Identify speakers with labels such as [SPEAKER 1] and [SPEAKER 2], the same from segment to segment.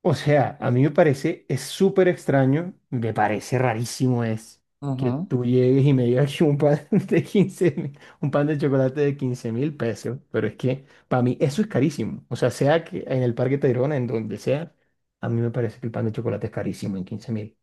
[SPEAKER 1] O sea, a mí me parece, es súper extraño, me parece rarísimo es que
[SPEAKER 2] Ujú.
[SPEAKER 1] tú llegues y me digas que un pan de 15.000, un pan de chocolate de 15.000 pesos, pero es que para mí eso es carísimo. O sea, sea que en el Parque Tayrona, en donde sea, a mí me parece que el pan de chocolate es carísimo en 15.000.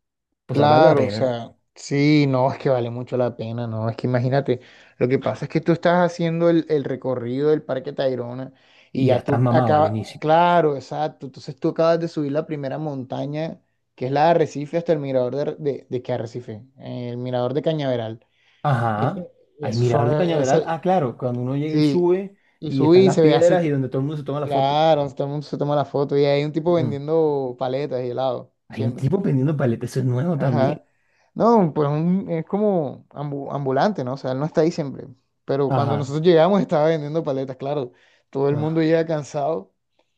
[SPEAKER 1] O sea, vale la
[SPEAKER 2] Claro, o
[SPEAKER 1] pena
[SPEAKER 2] sea, sí, no, es que vale mucho la pena, no, es que imagínate, lo que pasa es que tú estás haciendo el recorrido del Parque Tayrona
[SPEAKER 1] y
[SPEAKER 2] y
[SPEAKER 1] ya
[SPEAKER 2] ya
[SPEAKER 1] estás
[SPEAKER 2] tú
[SPEAKER 1] mamado al
[SPEAKER 2] acabas,
[SPEAKER 1] inicio.
[SPEAKER 2] claro, exacto, entonces tú acabas de subir la primera montaña, que es la de Arrecife, hasta el mirador de, de qué Arrecife. El mirador de Cañaveral.
[SPEAKER 1] Ajá,
[SPEAKER 2] Ese- y
[SPEAKER 1] hay
[SPEAKER 2] eso
[SPEAKER 1] mirador
[SPEAKER 2] son,
[SPEAKER 1] de Cañaveral.
[SPEAKER 2] ese,
[SPEAKER 1] Ah, claro, cuando uno llega y
[SPEAKER 2] sí,
[SPEAKER 1] sube
[SPEAKER 2] y
[SPEAKER 1] y están
[SPEAKER 2] subí y
[SPEAKER 1] las
[SPEAKER 2] se ve así,
[SPEAKER 1] piedras y donde todo el mundo se toma la foto.
[SPEAKER 2] claro, todo el mundo se toma la foto y hay un tipo
[SPEAKER 1] Ujú.
[SPEAKER 2] vendiendo paletas y helado,
[SPEAKER 1] Hay un
[SPEAKER 2] siempre.
[SPEAKER 1] tipo vendiendo paletas, eso es nuevo también.
[SPEAKER 2] Ajá. No, pues es como ambulante, ¿no? O sea, él no está ahí siempre. Pero cuando
[SPEAKER 1] Ajá,
[SPEAKER 2] nosotros llegamos estaba vendiendo paletas, claro. Todo el mundo
[SPEAKER 1] ajá,
[SPEAKER 2] llega cansado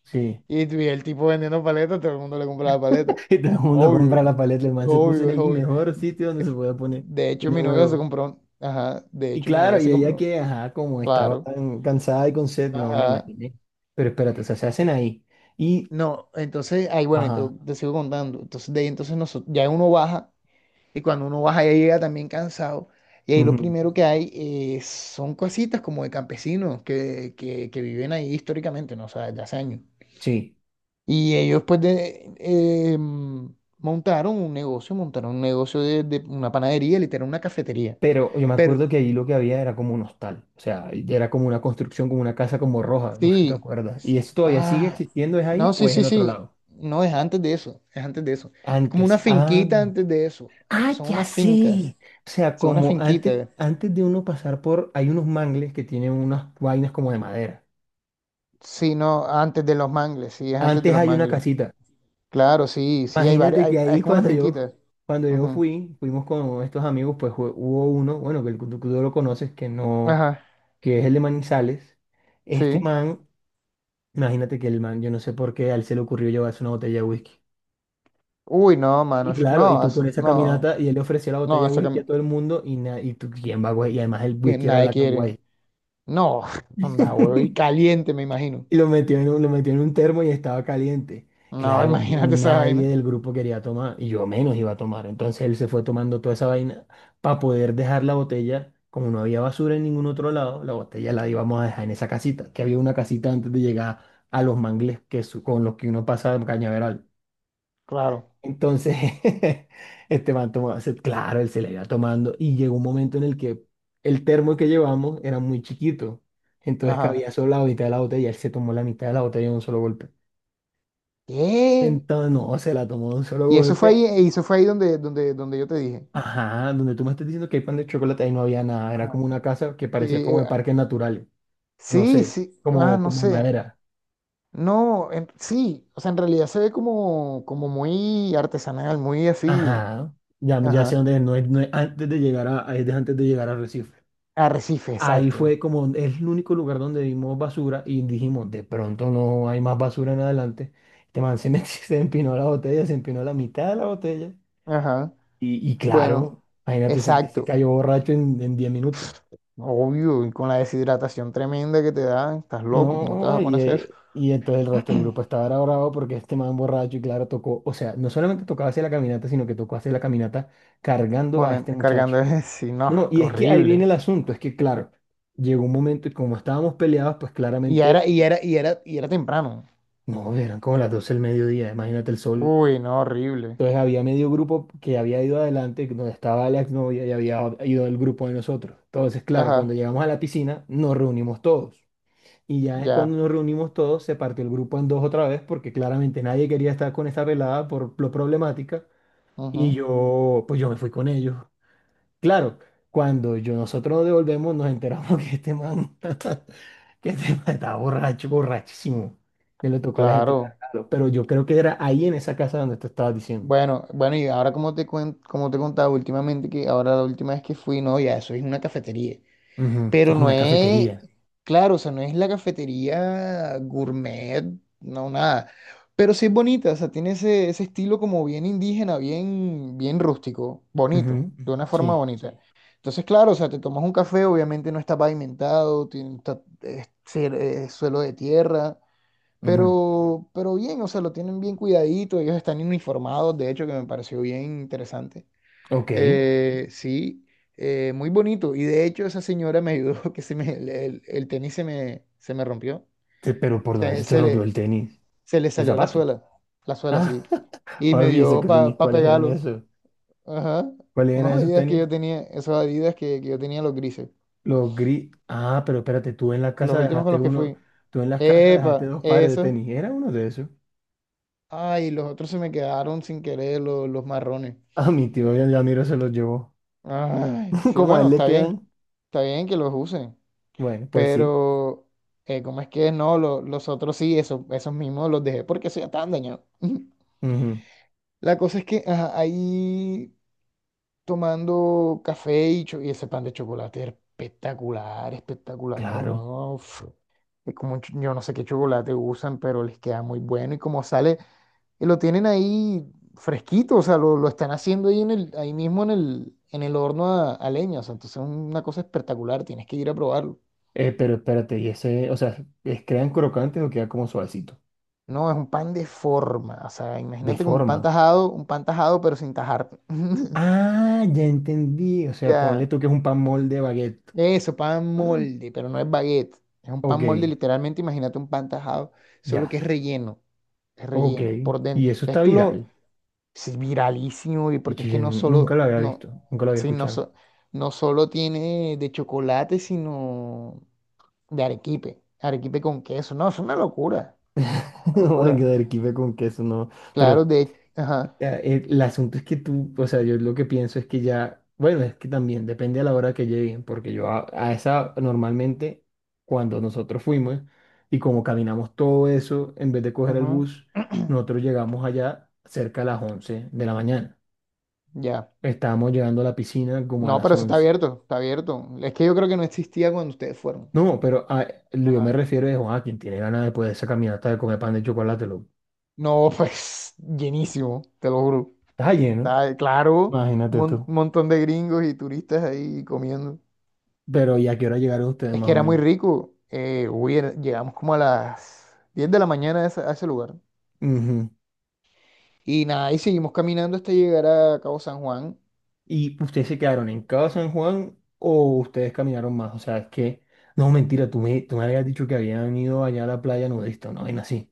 [SPEAKER 1] sí.
[SPEAKER 2] y vi el tipo vendiendo paletas, todo el mundo le compra la paleta.
[SPEAKER 1] Y todo el mundo
[SPEAKER 2] Obvio,
[SPEAKER 1] compra la paleta, el man se puso en
[SPEAKER 2] obvio, es
[SPEAKER 1] el
[SPEAKER 2] obvio.
[SPEAKER 1] mejor sitio donde se
[SPEAKER 2] Es-
[SPEAKER 1] puede poner.
[SPEAKER 2] de hecho,
[SPEAKER 1] Tiene
[SPEAKER 2] mi novia se
[SPEAKER 1] huevo.
[SPEAKER 2] compró. Ajá, de
[SPEAKER 1] Y
[SPEAKER 2] hecho, mi
[SPEAKER 1] claro,
[SPEAKER 2] novia
[SPEAKER 1] y
[SPEAKER 2] se
[SPEAKER 1] ella
[SPEAKER 2] compró.
[SPEAKER 1] que, ajá, como estaba
[SPEAKER 2] Claro.
[SPEAKER 1] tan cansada y con sed, no me
[SPEAKER 2] Ajá.
[SPEAKER 1] imaginé. Pero espérate, o sea, se hacen ahí. Y,
[SPEAKER 2] No, entonces, ahí bueno, y
[SPEAKER 1] ajá,
[SPEAKER 2] te sigo contando. Entonces, de ahí entonces nosotros, ya uno baja. Y cuando uno baja ya llega también cansado. Y ahí lo
[SPEAKER 1] ujú,
[SPEAKER 2] primero que hay son cositas como de campesinos que viven ahí históricamente, ¿no? O sea, desde hace años.
[SPEAKER 1] sí.
[SPEAKER 2] Y ellos pues de, montaron un negocio de una panadería, literal, una cafetería.
[SPEAKER 1] Pero yo me
[SPEAKER 2] Pero
[SPEAKER 1] acuerdo que ahí lo que había era como un hostal. O sea, era como una construcción, como una casa como roja, no sé si te
[SPEAKER 2] sí,
[SPEAKER 1] acuerdas. ¿Y
[SPEAKER 2] sí,
[SPEAKER 1] eso todavía sigue
[SPEAKER 2] ah,
[SPEAKER 1] existiendo? ¿Es
[SPEAKER 2] no,
[SPEAKER 1] ahí o
[SPEAKER 2] sí,
[SPEAKER 1] es en
[SPEAKER 2] sí,
[SPEAKER 1] otro
[SPEAKER 2] sí,
[SPEAKER 1] lado?
[SPEAKER 2] no, es antes de eso, es antes de eso. Es como una
[SPEAKER 1] Antes. Ah.
[SPEAKER 2] finquita antes de eso.
[SPEAKER 1] Ah,
[SPEAKER 2] Son
[SPEAKER 1] ya
[SPEAKER 2] unas fincas,
[SPEAKER 1] sé. O sea,
[SPEAKER 2] son unas
[SPEAKER 1] como antes,
[SPEAKER 2] finquitas.
[SPEAKER 1] antes de uno pasar por, hay unos mangles que tienen unas vainas como de madera.
[SPEAKER 2] Sí, no, antes de los mangles, sí, es antes de
[SPEAKER 1] Antes
[SPEAKER 2] los
[SPEAKER 1] hay una
[SPEAKER 2] mangles.
[SPEAKER 1] casita.
[SPEAKER 2] Claro, sí, sí, hay varias,
[SPEAKER 1] Imagínate
[SPEAKER 2] hay,
[SPEAKER 1] que
[SPEAKER 2] es
[SPEAKER 1] ahí
[SPEAKER 2] como una finquita.
[SPEAKER 1] cuando yo
[SPEAKER 2] Ujú.
[SPEAKER 1] fui, fuimos con estos amigos, pues hubo uno, bueno, que tú lo conoces, que no,
[SPEAKER 2] Ajá,
[SPEAKER 1] que es el de Manizales. Este
[SPEAKER 2] sí.
[SPEAKER 1] man, imagínate que el man, yo no sé por qué, a él se le ocurrió llevarse una botella de whisky.
[SPEAKER 2] Uy, no, mano,
[SPEAKER 1] Y claro, y
[SPEAKER 2] no,
[SPEAKER 1] tú con esa
[SPEAKER 2] no,
[SPEAKER 1] caminata, y él le ofreció la botella
[SPEAKER 2] no,
[SPEAKER 1] de
[SPEAKER 2] eso que,
[SPEAKER 1] whisky a todo el mundo, y, y tú, ¿quién va, güey? Y además el
[SPEAKER 2] que
[SPEAKER 1] whisky era
[SPEAKER 2] nadie
[SPEAKER 1] Black and
[SPEAKER 2] quiere.
[SPEAKER 1] White.
[SPEAKER 2] No, anda, huevo, y caliente, me imagino.
[SPEAKER 1] Y lo metió en un, lo metió en un termo y estaba caliente.
[SPEAKER 2] No,
[SPEAKER 1] Claro,
[SPEAKER 2] imagínate esa vaina.
[SPEAKER 1] nadie del grupo quería tomar, y yo menos iba a tomar. Entonces él se fue tomando toda esa vaina para poder dejar la botella. Como no había basura en ningún otro lado, la botella la íbamos a dejar en esa casita, que había una casita antes de llegar a los mangles que con los que uno pasa de Cañaveral.
[SPEAKER 2] Claro,
[SPEAKER 1] Entonces, este man tomaba, claro, él se la iba tomando y llegó un momento en el que el termo que llevamos era muy chiquito. Entonces
[SPEAKER 2] ajá.
[SPEAKER 1] cabía solo la mitad de la botella y él se tomó la mitad de la botella de un solo golpe.
[SPEAKER 2] ¿Qué?
[SPEAKER 1] Entonces, no, se la tomó de un solo
[SPEAKER 2] Y eso fue ahí,
[SPEAKER 1] golpe.
[SPEAKER 2] y eso fue ahí donde, donde, donde yo te dije.
[SPEAKER 1] Ajá, donde tú me estás diciendo que hay pan de chocolate, ahí no había nada. Era
[SPEAKER 2] Ajá.
[SPEAKER 1] como una casa que
[SPEAKER 2] Y,
[SPEAKER 1] parecía como de parques naturales. No
[SPEAKER 2] sí,
[SPEAKER 1] sé,
[SPEAKER 2] sí, ah,
[SPEAKER 1] como,
[SPEAKER 2] no
[SPEAKER 1] como de
[SPEAKER 2] sé.
[SPEAKER 1] madera.
[SPEAKER 2] No, sí, o sea, en realidad se ve como, como muy artesanal, muy así.
[SPEAKER 1] Ajá, ya, ya sé
[SPEAKER 2] Ajá.
[SPEAKER 1] dónde es, no es, no es antes de llegar a, antes de llegar a Recife.
[SPEAKER 2] Arrecife,
[SPEAKER 1] Ahí
[SPEAKER 2] exacto.
[SPEAKER 1] fue como es el único lugar donde vimos basura y dijimos, de pronto no hay más basura en adelante. Este man se empinó la botella, se empinó la mitad de la botella.
[SPEAKER 2] Ajá.
[SPEAKER 1] Y
[SPEAKER 2] Bueno,
[SPEAKER 1] claro, imagínate, se
[SPEAKER 2] exacto.
[SPEAKER 1] cayó borracho en 10 minutos.
[SPEAKER 2] Obvio, y con la deshidratación tremenda que te da, estás loco, ¿cómo te vas
[SPEAKER 1] No,
[SPEAKER 2] a poner a hacer eso?
[SPEAKER 1] y entonces el resto del grupo estaba era bravo porque este man borracho y claro tocó, o sea, no solamente tocaba hacer la caminata, sino que tocó hacer la caminata cargando a este muchacho.
[SPEAKER 2] Cargando ese, sí, no,
[SPEAKER 1] No, y
[SPEAKER 2] qué
[SPEAKER 1] es que ahí viene
[SPEAKER 2] horrible.
[SPEAKER 1] el asunto, es que claro, llegó un momento y como estábamos peleados, pues
[SPEAKER 2] Y era,
[SPEAKER 1] claramente
[SPEAKER 2] y era, y era, y era temprano.
[SPEAKER 1] no, eran como las 12 del mediodía, imagínate el sol.
[SPEAKER 2] Uy, no, horrible.
[SPEAKER 1] Entonces había medio grupo que había ido adelante, donde estaba la exnovia y había ido el grupo de nosotros. Entonces, claro,
[SPEAKER 2] Ajá,
[SPEAKER 1] cuando llegamos a la piscina, nos reunimos todos. Y ya cuando
[SPEAKER 2] ya.
[SPEAKER 1] nos reunimos todos, se partió el grupo en dos otra vez, porque claramente nadie quería estar con esta pelada por lo problemática. Y
[SPEAKER 2] Ujú.
[SPEAKER 1] yo, pues yo me fui con ellos. Claro, cuando yo, nosotros nos devolvemos, nos enteramos que este man, que este man estaba borracho, borrachísimo, que le tocó a la gente
[SPEAKER 2] Claro.
[SPEAKER 1] cargarlo. Pero yo creo que era ahí en esa casa donde tú estabas diciendo.
[SPEAKER 2] Bueno, bueno, y ahora como te como te contaba últimamente que ahora la última vez que fui, no, ya eso es una cafetería.
[SPEAKER 1] Ujú.
[SPEAKER 2] Pero
[SPEAKER 1] Es
[SPEAKER 2] no
[SPEAKER 1] una
[SPEAKER 2] es,
[SPEAKER 1] cafetería.
[SPEAKER 2] claro, o sea, no es la cafetería gourmet, no, nada. Pero sí es bonita, o sea, tiene ese estilo como bien indígena, bien, bien rústico, bonito,
[SPEAKER 1] Ujú.
[SPEAKER 2] de una forma
[SPEAKER 1] Sí.
[SPEAKER 2] bonita. Sí. Entonces, claro, o sea, te tomas un café, obviamente no está pavimentado, tiene, es, es suelo de tierra,
[SPEAKER 1] Ujú.
[SPEAKER 2] pero bien, o sea, lo tienen bien cuidadito, ellos están uniformados, de hecho, que me pareció bien interesante.
[SPEAKER 1] Ok.
[SPEAKER 2] Sí, muy bonito. Y de hecho esa señora me ayudó, que se me, el tenis se me rompió.
[SPEAKER 1] Pero ¿por dónde
[SPEAKER 2] Se,
[SPEAKER 1] se te
[SPEAKER 2] se
[SPEAKER 1] rompió
[SPEAKER 2] le,
[SPEAKER 1] el tenis?
[SPEAKER 2] se le
[SPEAKER 1] El
[SPEAKER 2] salió
[SPEAKER 1] zapato.
[SPEAKER 2] la suela,
[SPEAKER 1] Ah,
[SPEAKER 2] sí. Y
[SPEAKER 1] ahora
[SPEAKER 2] me
[SPEAKER 1] fíjese
[SPEAKER 2] dio
[SPEAKER 1] que
[SPEAKER 2] para
[SPEAKER 1] tenis,
[SPEAKER 2] pa
[SPEAKER 1] ¿cuáles eran
[SPEAKER 2] pegarlo.
[SPEAKER 1] esos?
[SPEAKER 2] Ajá.
[SPEAKER 1] ¿Cuáles
[SPEAKER 2] Unos
[SPEAKER 1] eran esos
[SPEAKER 2] Adidas que
[SPEAKER 1] tenis?
[SPEAKER 2] yo tenía, esos Adidas que yo tenía los grises.
[SPEAKER 1] Los gris. Ah, pero espérate, tú en la
[SPEAKER 2] Los
[SPEAKER 1] casa
[SPEAKER 2] últimos con
[SPEAKER 1] dejaste
[SPEAKER 2] los que
[SPEAKER 1] uno,
[SPEAKER 2] fui.
[SPEAKER 1] tú en la casa dejaste
[SPEAKER 2] Epa,
[SPEAKER 1] dos pares de
[SPEAKER 2] esos.
[SPEAKER 1] tenis. ¿Era uno de esos?
[SPEAKER 2] Ay, los otros se me quedaron sin querer, los marrones.
[SPEAKER 1] A mi tío Yamiro se los llevó.
[SPEAKER 2] Ay, sí,
[SPEAKER 1] Como a
[SPEAKER 2] bueno,
[SPEAKER 1] él le
[SPEAKER 2] está bien.
[SPEAKER 1] quedan.
[SPEAKER 2] Está bien que los usen.
[SPEAKER 1] Bueno, pues sí.
[SPEAKER 2] Pero, ¿cómo es que no? Los otros sí, eso, esos mismos los dejé porque eso ya estaban dañados.
[SPEAKER 1] Ujú.
[SPEAKER 2] La cosa es que ajá, ahí tomando café y, y ese pan de chocolate era espectacular, espectacular,
[SPEAKER 1] Claro.
[SPEAKER 2] ¿no? Uf, es como, yo no sé qué chocolate usan, pero les queda muy bueno y como sale, y lo tienen ahí fresquito, o sea, lo están haciendo ahí, en el, ahí mismo en el horno a leña, o sea, entonces es una cosa espectacular, tienes que ir a probarlo.
[SPEAKER 1] Pero espérate, y ese, o sea, ¿es crean crocante o queda como suavecito?
[SPEAKER 2] No, es un pan de forma. O sea,
[SPEAKER 1] De
[SPEAKER 2] imagínate como
[SPEAKER 1] forma.
[SPEAKER 2] un pan tajado, pero sin tajar.
[SPEAKER 1] Ah, ya entendí. O sea, ponle
[SPEAKER 2] Ya,
[SPEAKER 1] tú que es un pan molde de baguette.
[SPEAKER 2] eso, pan
[SPEAKER 1] Ah,
[SPEAKER 2] molde, pero no es baguette. Es un pan molde,
[SPEAKER 1] ok,
[SPEAKER 2] literalmente, imagínate un pan tajado, solo
[SPEAKER 1] ya.
[SPEAKER 2] que es
[SPEAKER 1] Ok.
[SPEAKER 2] relleno por
[SPEAKER 1] Y
[SPEAKER 2] dentro.
[SPEAKER 1] eso está
[SPEAKER 2] Entonces tú lo,
[SPEAKER 1] viral.
[SPEAKER 2] es viralísimo, y
[SPEAKER 1] Y
[SPEAKER 2] porque
[SPEAKER 1] yo
[SPEAKER 2] es que
[SPEAKER 1] yo
[SPEAKER 2] no
[SPEAKER 1] nunca
[SPEAKER 2] solo,
[SPEAKER 1] lo había
[SPEAKER 2] no,
[SPEAKER 1] visto, nunca lo había
[SPEAKER 2] sí, no,
[SPEAKER 1] escuchado.
[SPEAKER 2] no solo tiene de chocolate, sino de arequipe, arequipe con queso. No, es una locura, una
[SPEAKER 1] No van a
[SPEAKER 2] locura.
[SPEAKER 1] quedar kife con queso, no.
[SPEAKER 2] Claro,
[SPEAKER 1] Pero
[SPEAKER 2] de, ajá,
[SPEAKER 1] el asunto es que tú, o sea, yo lo que pienso es que ya, bueno, es que también depende a la hora que lleguen, porque yo a esa normalmente, cuando nosotros fuimos y como caminamos todo eso, en vez de coger el
[SPEAKER 2] ujú,
[SPEAKER 1] bus, nosotros llegamos allá cerca a las 11 de la mañana.
[SPEAKER 2] ya.
[SPEAKER 1] Estábamos llegando a la piscina como a
[SPEAKER 2] No,
[SPEAKER 1] las
[SPEAKER 2] pero eso está
[SPEAKER 1] 11.
[SPEAKER 2] abierto, está abierto. Es que yo creo que no existía cuando ustedes fueron.
[SPEAKER 1] No, pero lo yo me
[SPEAKER 2] Ajá.
[SPEAKER 1] refiero es, a quien tiene ganas después de esa caminata de comer pan de chocolate, lo
[SPEAKER 2] No, pues llenísimo, te lo juro.
[SPEAKER 1] está lleno,
[SPEAKER 2] Está, claro, un
[SPEAKER 1] imagínate tú.
[SPEAKER 2] montón de gringos y turistas ahí comiendo.
[SPEAKER 1] Pero ¿y a qué hora llegaron ustedes
[SPEAKER 2] Es
[SPEAKER 1] más
[SPEAKER 2] que
[SPEAKER 1] o
[SPEAKER 2] era muy
[SPEAKER 1] menos?
[SPEAKER 2] rico. Uy, llegamos como a las 10 de la mañana a ese lugar.
[SPEAKER 1] Ujú.
[SPEAKER 2] Y nada, y seguimos caminando hasta llegar a Cabo San Juan.
[SPEAKER 1] ¿Y ustedes se quedaron en cada San Juan o ustedes caminaron más? O sea, es que, no, mentira, tú me habías dicho que habían ido allá a la playa nudista, ¿no? Y así.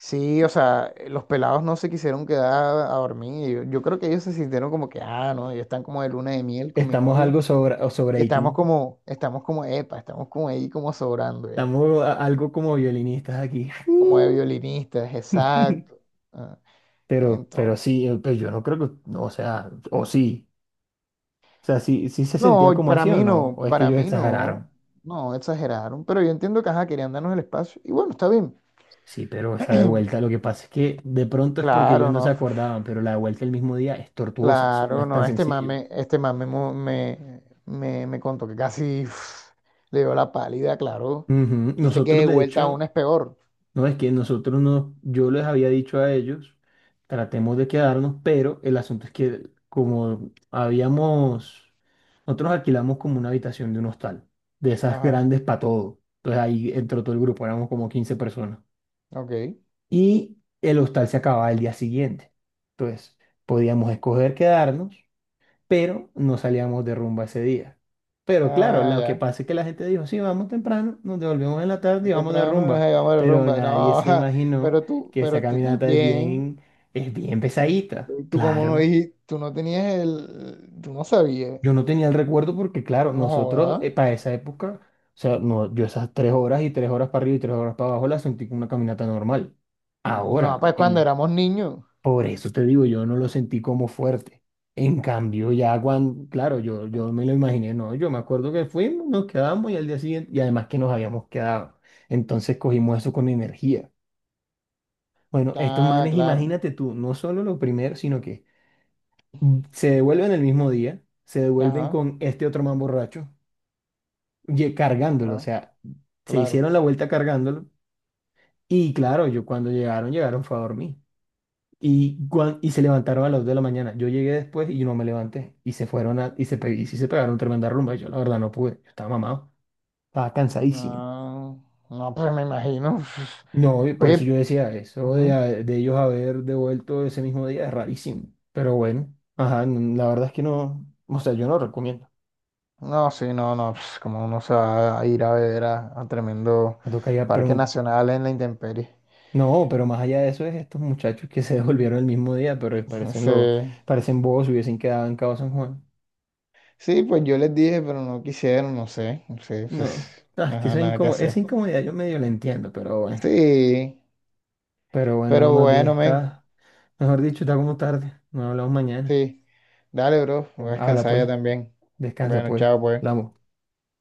[SPEAKER 2] Sí, o sea, los pelados no se quisieron quedar a dormir. Yo creo que ellos se sintieron como que, ah, no, ellos están como de luna de miel con mi
[SPEAKER 1] Estamos
[SPEAKER 2] novia.
[SPEAKER 1] algo sobre, o
[SPEAKER 2] Y
[SPEAKER 1] sobreating.
[SPEAKER 2] estamos como, epa, estamos como ahí como sobrando ya,
[SPEAKER 1] Estamos algo como violinistas aquí.
[SPEAKER 2] como de violinistas, exacto. Ah,
[SPEAKER 1] Pero
[SPEAKER 2] entonces,
[SPEAKER 1] sí, pues yo no creo que, no, o sea, o sí. O sea, sí, sí se sentía
[SPEAKER 2] no,
[SPEAKER 1] como
[SPEAKER 2] para
[SPEAKER 1] así o
[SPEAKER 2] mí
[SPEAKER 1] no,
[SPEAKER 2] no,
[SPEAKER 1] o es que
[SPEAKER 2] para
[SPEAKER 1] ellos
[SPEAKER 2] mí
[SPEAKER 1] exageraron.
[SPEAKER 2] no, no, exageraron, pero yo entiendo que, ajá, querían darnos el espacio, y bueno, está bien.
[SPEAKER 1] Sí, pero esa de vuelta, lo que pasa es que de pronto es porque ellos
[SPEAKER 2] Claro,
[SPEAKER 1] no se
[SPEAKER 2] no,
[SPEAKER 1] acordaban, pero la de vuelta el mismo día es tortuosa, eso no
[SPEAKER 2] claro,
[SPEAKER 1] es tan
[SPEAKER 2] no,
[SPEAKER 1] sencillo.
[SPEAKER 2] este mame me contó que casi uf, le dio la pálida, claro.
[SPEAKER 1] Ujú.
[SPEAKER 2] Dice que
[SPEAKER 1] Nosotros,
[SPEAKER 2] de
[SPEAKER 1] de
[SPEAKER 2] vuelta a una
[SPEAKER 1] hecho,
[SPEAKER 2] es peor.
[SPEAKER 1] no es que nosotros no, yo les había dicho a ellos, tratemos de quedarnos, pero el asunto es que como habíamos, nosotros alquilamos como una habitación de un hostal, de esas
[SPEAKER 2] Ajá,
[SPEAKER 1] grandes para todo. Entonces ahí entró todo el grupo, éramos como 15 personas.
[SPEAKER 2] ok.
[SPEAKER 1] Y el hostal se acababa el día siguiente. Entonces podíamos escoger quedarnos pero no salíamos de rumba ese día. Pero claro,
[SPEAKER 2] Ah,
[SPEAKER 1] lo que
[SPEAKER 2] ya.
[SPEAKER 1] pasa es que la gente dijo, sí, vamos temprano, nos devolvemos en la tarde y vamos de
[SPEAKER 2] Temprano,
[SPEAKER 1] rumba.
[SPEAKER 2] ay, vamos a la
[SPEAKER 1] Pero
[SPEAKER 2] rumba.
[SPEAKER 1] nadie
[SPEAKER 2] No,
[SPEAKER 1] se imaginó que esa
[SPEAKER 2] pero tú
[SPEAKER 1] caminata
[SPEAKER 2] también.
[SPEAKER 1] es bien pesadita.
[SPEAKER 2] Tú como no
[SPEAKER 1] Claro,
[SPEAKER 2] dijiste, tú no tenías el, tú no sabías.
[SPEAKER 1] yo no tenía el recuerdo porque, claro,
[SPEAKER 2] No
[SPEAKER 1] nosotros
[SPEAKER 2] joda.
[SPEAKER 1] para esa época, o sea, no, yo esas 3 horas y 3 horas para arriba y 3 horas para abajo las sentí como una caminata normal.
[SPEAKER 2] No,
[SPEAKER 1] Ahora,
[SPEAKER 2] pues cuando
[SPEAKER 1] en,
[SPEAKER 2] éramos niños.
[SPEAKER 1] por eso te digo, yo no lo sentí como fuerte. En cambio, ya cuando, claro, yo me lo imaginé, no, yo me acuerdo que fuimos, nos quedamos y al día siguiente, y además que nos habíamos quedado. Entonces cogimos eso con energía. Bueno, estos
[SPEAKER 2] Ah,
[SPEAKER 1] manes,
[SPEAKER 2] claro.
[SPEAKER 1] imagínate tú, no solo lo primero, sino que se devuelven el mismo día, se devuelven
[SPEAKER 2] Ajá,
[SPEAKER 1] con este otro man borracho, cargándolo, o
[SPEAKER 2] ajá,
[SPEAKER 1] sea, se
[SPEAKER 2] claro.
[SPEAKER 1] hicieron la vuelta cargándolo. Y claro, yo cuando llegaron, llegaron fue a dormir. Y, y se levantaron a las 2 de la mañana. Yo llegué después y no me levanté. Y se fueron a, y se, y sí se pegaron tremenda rumba. Y yo la verdad no pude. Yo estaba mamado. Estaba cansadísimo.
[SPEAKER 2] Ah, no, pues me imagino.
[SPEAKER 1] No, y por eso yo
[SPEAKER 2] Oye,
[SPEAKER 1] decía eso de,
[SPEAKER 2] ujú.
[SPEAKER 1] de ellos haber devuelto ese mismo día es rarísimo. Pero bueno, ajá, la verdad es que no. O sea, yo no recomiendo.
[SPEAKER 2] No, sí, no, no, pues como uno se va a ir a ver a tremendo
[SPEAKER 1] Me toca ya
[SPEAKER 2] parque
[SPEAKER 1] preguntar.
[SPEAKER 2] nacional en la intemperie.
[SPEAKER 1] No, pero más allá de eso es estos muchachos que se devolvieron el mismo día, pero parecen
[SPEAKER 2] Sí.
[SPEAKER 1] lo parecen bobos, si hubiesen quedado en Cabo San Juan.
[SPEAKER 2] Sí, pues yo les dije, pero no quisieron, no sé, no sé,
[SPEAKER 1] No,
[SPEAKER 2] pues,
[SPEAKER 1] ah, es que
[SPEAKER 2] ajá,
[SPEAKER 1] eso es
[SPEAKER 2] nada que
[SPEAKER 1] incómodo. Esa
[SPEAKER 2] hacer.
[SPEAKER 1] incomodidad yo medio la entiendo, pero bueno.
[SPEAKER 2] Sí,
[SPEAKER 1] Pero bueno, no
[SPEAKER 2] pero
[SPEAKER 1] más bien
[SPEAKER 2] bueno, men,
[SPEAKER 1] está, mejor dicho, está como tarde. No hablamos mañana.
[SPEAKER 2] sí. Dale, bro, voy a
[SPEAKER 1] Bueno, habla
[SPEAKER 2] descansar ya
[SPEAKER 1] pues,
[SPEAKER 2] también.
[SPEAKER 1] descansa
[SPEAKER 2] Bueno,
[SPEAKER 1] pues,
[SPEAKER 2] chao, pues.
[SPEAKER 1] hablamos.